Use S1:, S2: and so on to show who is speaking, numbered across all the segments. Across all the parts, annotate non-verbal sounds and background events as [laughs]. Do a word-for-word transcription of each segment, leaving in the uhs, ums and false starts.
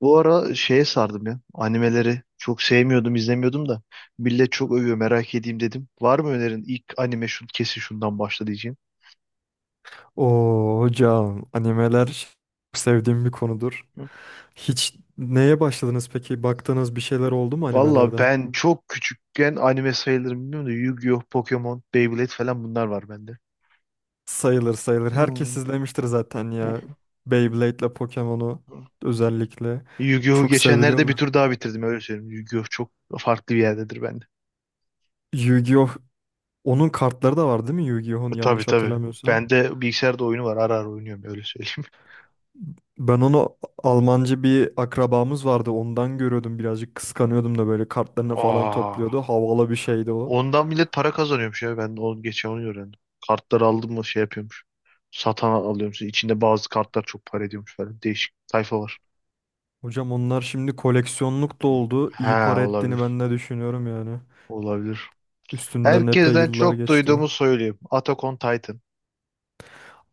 S1: Bu ara şeye sardım ya. Animeleri çok sevmiyordum, izlemiyordum da. Millet çok övüyor, merak edeyim dedim. Var mı önerin? İlk anime şu, kesin şundan başla diyeceğim.
S2: Oo hocam, animeler çok sevdiğim bir konudur.
S1: Hı.
S2: Hiç neye başladınız peki? Baktığınız bir şeyler oldu mu
S1: Valla
S2: animelerden?
S1: ben çok küçükken anime sayılırım bilmiyorum da Yu-Gi-Oh, Pokemon, Beyblade falan bunlar var bende.
S2: Sayılır sayılır. Herkes
S1: Hmm.
S2: izlemiştir zaten
S1: Eh.
S2: ya. Beyblade'le Pokemon'u özellikle
S1: Yu-Gi-Oh'u
S2: çok
S1: geçenlerde bir tur
S2: seviliyorlar.
S1: daha bitirdim öyle söyleyeyim. Yu-Gi-Oh çok farklı bir yerdedir bende.
S2: Yu-Gi-Oh! Onun kartları da var değil mi Yu-Gi-Oh!'un,
S1: Tabii
S2: yanlış
S1: tabii.
S2: hatırlamıyorsam?
S1: Bende bilgisayarda oyunu var. Ara ara oynuyorum öyle söyleyeyim.
S2: Ben onu Almancı bir akrabamız vardı. Ondan görüyordum, birazcık kıskanıyordum da. Böyle
S1: [laughs]
S2: kartlarını falan topluyordu.
S1: Aa.
S2: Havalı bir şeydi o.
S1: Ondan millet para kazanıyormuş ya. Ben o geçen onu öğrendim. Kartları aldım mı şey yapıyormuş. Satan alıyormuş. İçinde bazı kartlar çok para ediyormuş falan. Değişik sayfa var.
S2: Hocam onlar şimdi koleksiyonluk da oldu.
S1: He
S2: İyi para ettiğini
S1: olabilir.
S2: ben de düşünüyorum yani.
S1: Olabilir.
S2: Üstünden epey
S1: Herkesten
S2: yıllar
S1: çok
S2: geçti.
S1: duyduğumu söyleyeyim. Attack on Titan.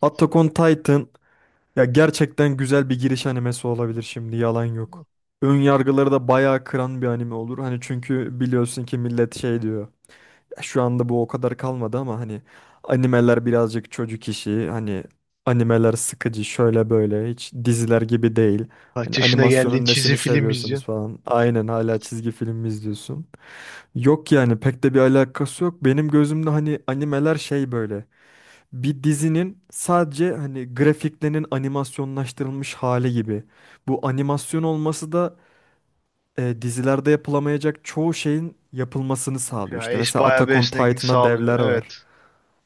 S2: Attack on Titan ya, gerçekten güzel bir giriş animesi olabilir şimdi, yalan yok. Ön yargıları da bayağı kıran bir anime olur. Hani çünkü biliyorsun ki millet şey diyor. "Ya Şu anda bu o kadar kalmadı ama hani animeler birazcık çocuk işi. Hani animeler sıkıcı, şöyle böyle, hiç diziler gibi değil.
S1: Kaç
S2: Hani
S1: yaşına geldiğin
S2: animasyonun
S1: çizim
S2: nesini
S1: film
S2: seviyorsunuz"
S1: izliyorsun.
S2: falan. Aynen, hala çizgi film mi izliyorsun? Yok yani, pek de bir alakası yok. Benim gözümde hani animeler şey böyle. Bir dizinin sadece hani grafiklerinin animasyonlaştırılmış hali gibi. Bu animasyon olması da e, dizilerde yapılamayacak çoğu şeyin yapılmasını sağlıyor.
S1: Ya
S2: İşte
S1: es
S2: mesela
S1: bayağı bir
S2: Attack on
S1: esneklik
S2: Titan'da
S1: sağlıyor.
S2: devler
S1: Evet.
S2: var.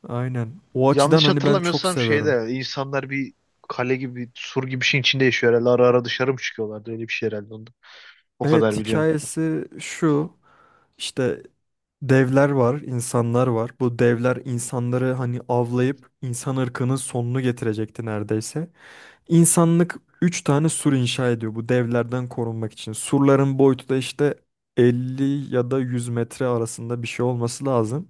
S2: Aynen. O açıdan
S1: Yanlış
S2: hani ben çok
S1: hatırlamıyorsam
S2: seviyorum.
S1: şeyde insanlar bir kale gibi bir sur gibi bir şeyin içinde yaşıyor herhalde. Ara ara dışarı mı çıkıyorlardı? Öyle bir şey herhalde onda. O
S2: Evet,
S1: kadar biliyorum.
S2: hikayesi şu. İşte devler var, insanlar var. Bu devler insanları hani avlayıp insan ırkının sonunu getirecekti neredeyse. İnsanlık üç tane sur inşa ediyor bu devlerden korunmak için. Surların boyutu da işte elli ya da yüz metre arasında bir şey olması lazım.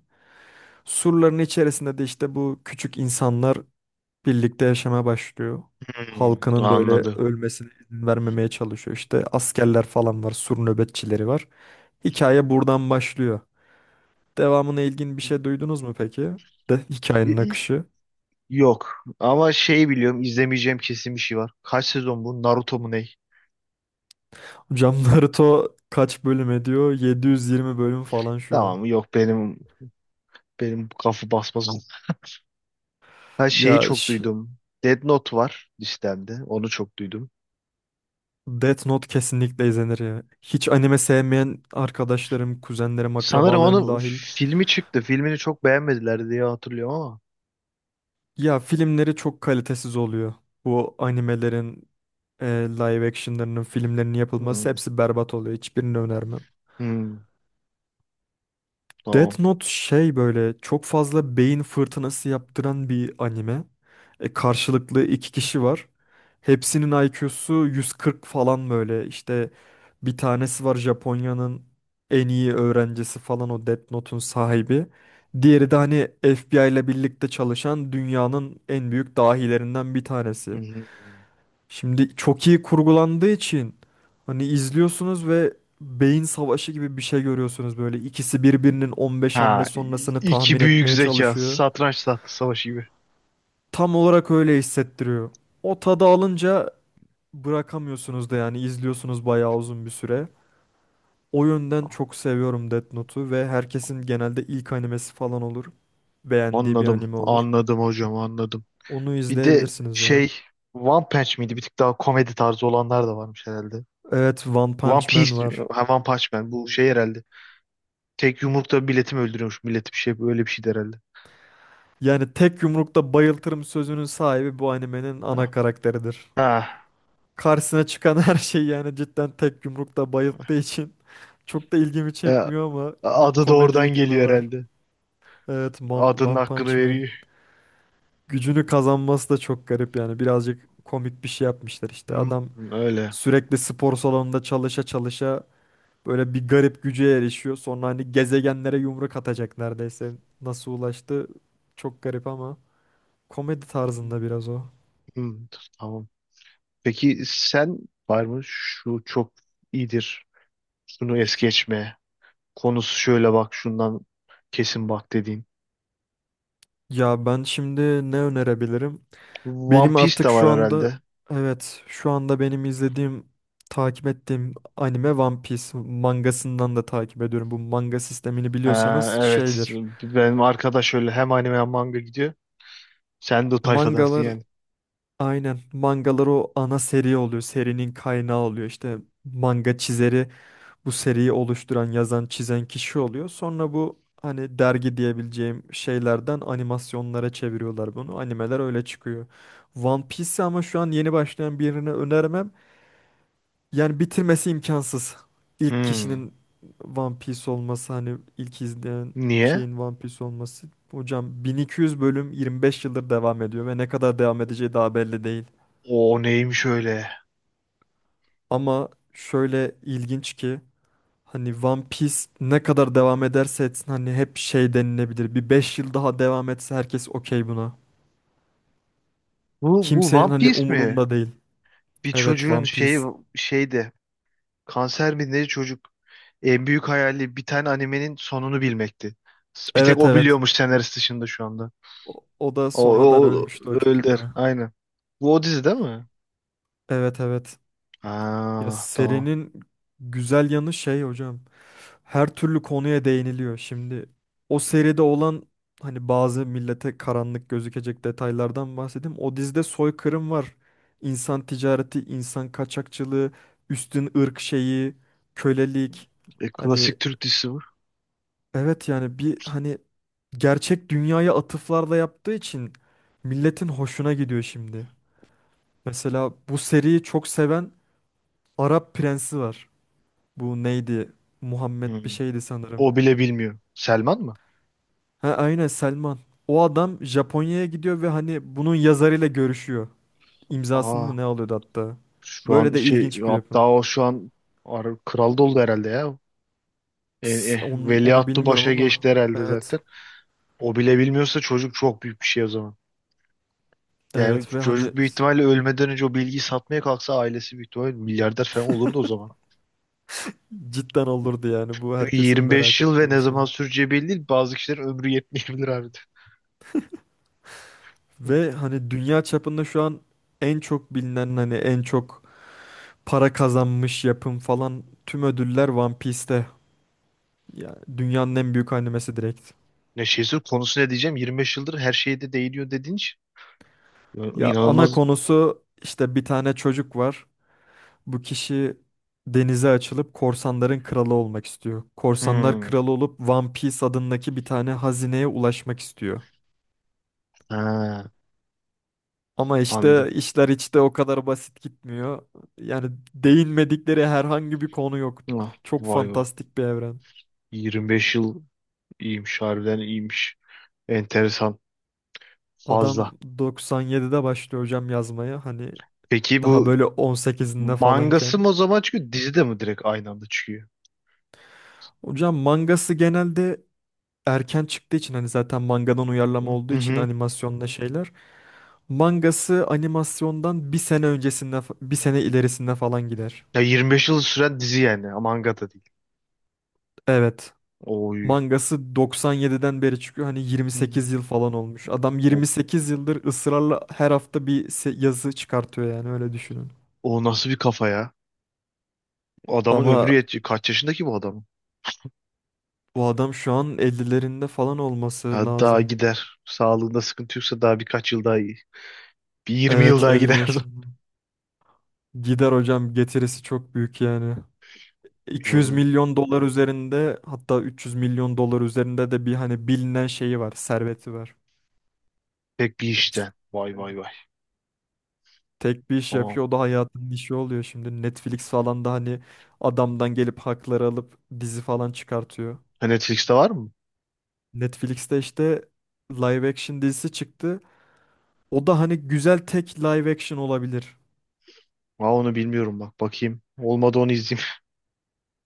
S2: Surların içerisinde de işte bu küçük insanlar birlikte yaşamaya başlıyor.
S1: Hmm,
S2: Halkının böyle
S1: anladım.
S2: ölmesine izin vermemeye çalışıyor. İşte askerler falan var, sur nöbetçileri var. Hikaye buradan başlıyor. Devamına ilgin bir şey duydunuz mu peki? De hikayenin
S1: Y-
S2: akışı.
S1: Yok. Ama şey biliyorum izlemeyeceğim kesin bir şey var. Kaç sezon bu? Naruto mu ne?
S2: Hocam Naruto kaç bölüm ediyor? yedi yüz yirmi bölüm falan şu an.
S1: Tamam mı? Yok benim benim kafa basmaz. Ha şeyi
S2: Ya
S1: çok
S2: ş-
S1: duydum. Death Note var listemde. Onu çok duydum.
S2: Death Note kesinlikle izlenir ya. Hiç anime sevmeyen arkadaşlarım, kuzenlerim,
S1: Sanırım
S2: akrabalarım
S1: onun
S2: dahil.
S1: filmi çıktı. Filmini çok beğenmediler diye hatırlıyorum ama.
S2: Ya filmleri çok kalitesiz oluyor. Bu animelerin, e, live action'larının, filmlerinin yapılması
S1: Hmm,
S2: hepsi berbat oluyor. Hiçbirini önermem.
S1: hmm, tamam.
S2: Death Note şey, böyle çok fazla beyin fırtınası yaptıran bir anime. E, karşılıklı iki kişi var. Hepsinin I Q'su yüz kırk falan böyle. İşte bir tanesi var, Japonya'nın en iyi öğrencisi falan, o Death Note'un sahibi. Diğeri de hani F B I ile birlikte çalışan dünyanın en büyük dahilerinden bir tanesi.
S1: Hmm, hmm.
S2: Şimdi çok iyi kurgulandığı için hani izliyorsunuz ve beyin savaşı gibi bir şey görüyorsunuz böyle. İkisi birbirinin on beş hamle
S1: Ha, i-
S2: sonrasını
S1: iki
S2: tahmin
S1: büyük
S2: etmeye
S1: zeka.
S2: çalışıyor.
S1: Satranç tahta savaşı gibi.
S2: Tam olarak öyle hissettiriyor. O tadı alınca bırakamıyorsunuz da yani, izliyorsunuz bayağı uzun bir süre. O yönden çok seviyorum Death Note'u ve herkesin genelde ilk animesi falan olur. Beğendiği bir
S1: Anladım.
S2: anime olur.
S1: Anladım hocam anladım.
S2: Onu
S1: Bir de
S2: izleyebilirsiniz ya.
S1: şey One Punch miydi? Bir tık daha komedi tarzı olanlar da varmış herhalde.
S2: Evet, One
S1: One
S2: Punch Man
S1: Piece,
S2: var.
S1: ha, One Punch Man bu şey herhalde. Tek yumrukta milleti mi öldürüyormuş? Milleti bir şey böyle bir şeydi herhalde.
S2: Yani "tek yumrukta bayıltırım" sözünün sahibi bu animenin
S1: Ha.
S2: ana karakteridir.
S1: Ha.
S2: Karşısına çıkan [laughs] her şey, yani cidden tek yumrukta bayılttığı için [laughs] çok da ilgimi
S1: Ya,
S2: çekmiyor, ama bir
S1: adı da oradan
S2: komedilik yanı
S1: geliyor
S2: var.
S1: herhalde.
S2: Evet, Mon-
S1: Adının
S2: One
S1: hakkını
S2: Punch Man.
S1: veriyor.
S2: Gücünü kazanması da çok garip, yani birazcık komik bir şey yapmışlar işte.
S1: Hmm,
S2: Adam
S1: öyle.
S2: sürekli spor salonunda çalışa çalışa böyle bir garip güce erişiyor. Sonra hani gezegenlere yumruk atacak neredeyse. Nasıl ulaştı? Çok garip, ama komedi tarzında biraz o.
S1: Hmm, tamam. Peki sen var mı? Şu çok iyidir. Şunu es geçme. Konusu şöyle bak şundan kesin bak dediğin.
S2: Ya ben şimdi ne önerebilirim?
S1: One
S2: Benim
S1: Piece de
S2: artık
S1: var
S2: şu anda,
S1: herhalde.
S2: evet şu anda benim izlediğim, takip ettiğim anime One Piece. Mangasından da takip ediyorum. Bu manga sistemini
S1: Ha,
S2: biliyorsanız
S1: evet.
S2: şeydir.
S1: Benim arkadaş öyle hem anime hem manga gidiyor. Sen de o tayfadansın
S2: Mangalar,
S1: yani.
S2: aynen mangalar o ana seri oluyor. Serinin kaynağı oluyor. İşte manga çizeri bu seriyi oluşturan, yazan, çizen kişi oluyor. Sonra bu hani dergi diyebileceğim şeylerden animasyonlara çeviriyorlar bunu. Animeler öyle çıkıyor. One Piece ama şu an yeni başlayan birine önermem. Yani bitirmesi imkansız. İlk
S1: Hmm.
S2: kişinin One Piece olması, hani ilk izleyen
S1: Niye?
S2: şeyin One Piece olması. Hocam bin iki yüz bölüm, yirmi beş yıldır devam ediyor ve ne kadar devam edeceği daha belli değil.
S1: O neymiş öyle?
S2: Ama şöyle ilginç ki, hani One Piece ne kadar devam ederse etsin, hani hep şey denilebilir. Bir beş yıl daha devam etse herkes okey buna.
S1: Bu bu
S2: Kimsenin
S1: One
S2: hani
S1: Piece mi?
S2: umurunda değil.
S1: Bir
S2: Evet,
S1: çocuğun
S2: One Piece.
S1: şeyi şeydi. Kanser mi ne çocuk? En büyük hayali bir tane animenin sonunu bilmekti. Bir tek
S2: Evet
S1: o
S2: evet.
S1: biliyormuş senarist dışında şu anda.
S2: O, o da
S1: O,
S2: sonradan
S1: o, o
S2: ölmüştü o çocuk
S1: öldür.
S2: da.
S1: Aynen. Bu o dizi değil mi?
S2: Evet evet. Ya
S1: Ha, tamam.
S2: serinin güzel yanı şey hocam. Her türlü konuya değiniliyor. Şimdi o seride olan hani bazı millete karanlık gözükecek detaylardan bahsedeyim. O dizide soykırım var. İnsan ticareti, insan kaçakçılığı, üstün ırk şeyi, kölelik.
S1: E,
S2: Hani
S1: klasik Türk dizisi bu.
S2: evet yani, bir hani gerçek dünyaya atıflarla yaptığı için milletin hoşuna gidiyor şimdi. Mesela bu seriyi çok seven Arap prensi var. Bu neydi? Muhammed bir
S1: Hmm.
S2: şeydi sanırım.
S1: O bile bilmiyor. Selman mı?
S2: Ha, aynen, Selman. O adam Japonya'ya gidiyor ve hani bunun yazarıyla görüşüyor. İmzasını
S1: Aa.
S2: mı ne alıyordu hatta.
S1: Şu
S2: Böyle
S1: an
S2: de
S1: şey
S2: ilginç bir yapım.
S1: hatta o şu an ar- kral da oldu herhalde ya. E,
S2: Ts-
S1: e,
S2: Onu, onu
S1: Veliaht
S2: bilmiyorum
S1: Baş'a
S2: ama
S1: geçti herhalde
S2: evet.
S1: zaten. O bile bilmiyorsa çocuk çok büyük bir şey o zaman. Yani
S2: Evet ve hani
S1: çocuk büyük ihtimalle ölmeden önce o bilgiyi satmaya kalksa ailesi büyük ihtimalle milyarder falan olurdu o zaman.
S2: cidden olurdu yani. Bu
S1: Çünkü
S2: herkesin
S1: yirmi beş
S2: merak
S1: yıl ve
S2: ettiği bir
S1: ne zaman
S2: şey.
S1: süreceği belli değil. Bazı kişilerin ömrü yetmeyebilir abi de.
S2: Ve hani dünya çapında şu an en çok bilinen, hani en çok para kazanmış yapım falan, tüm ödüller One Piece'te. Yani dünyanın en büyük animesi direkt.
S1: Ne şeyse konusu ne diyeceğim yirmi beş yıldır her şeye de değiniyor dediğin için. Ya,
S2: Ya ana
S1: İnanılmaz.
S2: konusu işte, bir tane çocuk var. Bu kişi denize açılıp korsanların kralı olmak istiyor. Korsanlar
S1: Hmm.
S2: kralı olup One Piece adındaki bir tane hazineye ulaşmak istiyor.
S1: Ha,
S2: Ama işte
S1: anladım.
S2: işler hiç de o kadar basit gitmiyor. Yani değinmedikleri herhangi bir konu yok.
S1: Ah,
S2: Çok
S1: vay vay.
S2: fantastik bir evren.
S1: yirmi beş yıl İyiymiş harbiden iyiymiş. Enteresan
S2: Adam
S1: fazla.
S2: doksan yedide başlıyor hocam yazmaya. Hani
S1: Peki
S2: daha
S1: bu
S2: böyle on sekizinde
S1: mangası
S2: falanken.
S1: mı o zaman çıkıyor dizi de mi direkt aynı anda çıkıyor?
S2: Hocam mangası genelde erken çıktığı için, hani zaten mangadan uyarlama
S1: Hı
S2: olduğu için
S1: hı.
S2: animasyonda şeyler. Mangası animasyondan bir sene öncesinde fa- bir sene ilerisinde falan gider.
S1: Ya yirmi beş yıl süren dizi yani ama manga da değil.
S2: Evet.
S1: Oy.
S2: Mangası doksan yediden beri çıkıyor. Hani
S1: Hı.
S2: yirmi sekiz yıl falan olmuş. Adam
S1: O,
S2: yirmi sekiz yıldır ısrarla her hafta bir se- yazı çıkartıyor yani, öyle düşünün.
S1: o nasıl bir kafa ya? Adamın
S2: Ama
S1: ömrü yetiyor. Kaç yaşındaki bu adamın?
S2: bu adam şu an ellilerinde falan olması
S1: Ya daha
S2: lazım.
S1: gider. Sağlığında sıkıntı yoksa daha birkaç yıl daha iyi. Bir yirmi yıl
S2: Evet,
S1: daha
S2: elli
S1: gider.
S2: yaşında. Gider hocam, getirisi çok büyük yani.
S1: [laughs]
S2: iki yüz
S1: İnanılmaz.
S2: milyon dolar üzerinde, hatta üç yüz milyon dolar üzerinde de bir hani bilinen şeyi var, serveti var.
S1: Pek bir işten. Vay vay vay.
S2: Tek bir iş
S1: Tamam.
S2: yapıyor, o da hayatının işi oluyor şimdi. Netflix falan da hani adamdan gelip hakları alıp dizi falan çıkartıyor.
S1: Ha, Netflix'te var mı?
S2: Netflix'te işte live action dizisi çıktı. O da hani güzel, tek live action olabilir.
S1: Aa, onu bilmiyorum bak. Bakayım. Olmadı onu izleyeyim.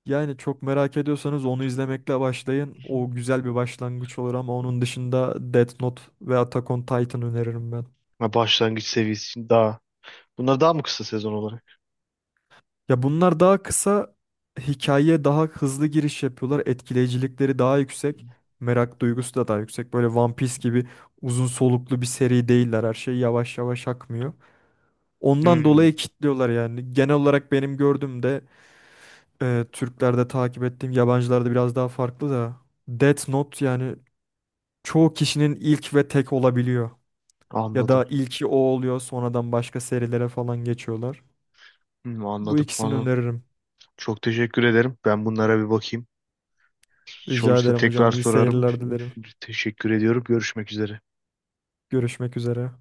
S2: Yani çok merak ediyorsanız onu izlemekle başlayın. O
S1: [laughs]
S2: güzel bir başlangıç olur, ama onun dışında Death Note ve Attack on Titan öneririm ben.
S1: Ha, başlangıç seviyesi için daha. Bunlar daha mı kısa sezon olarak?
S2: Ya bunlar daha kısa, hikayeye daha hızlı giriş yapıyorlar. Etkileyicilikleri daha yüksek. Merak duygusu da daha yüksek. Böyle One Piece gibi uzun soluklu bir seri değiller. Her şey yavaş yavaş akmıyor. Ondan
S1: Hmm,
S2: dolayı kitliyorlar yani. Genel olarak benim gördüğümde e, Türklerde, takip ettiğim yabancılarda biraz daha farklı da, Death Note yani çoğu kişinin ilk ve tek olabiliyor. Ya
S1: anladım.
S2: da ilki o oluyor, sonradan başka serilere falan geçiyorlar.
S1: Hmm,
S2: Bu
S1: anladım.
S2: ikisini
S1: Anladım.
S2: öneririm.
S1: Çok teşekkür ederim. Ben bunlara bir bakayım.
S2: Rica
S1: Olursa
S2: ederim
S1: tekrar
S2: hocam. İyi
S1: sorarım.
S2: seyirler dilerim.
S1: Teşekkür ediyorum. Görüşmek üzere.
S2: Görüşmek üzere.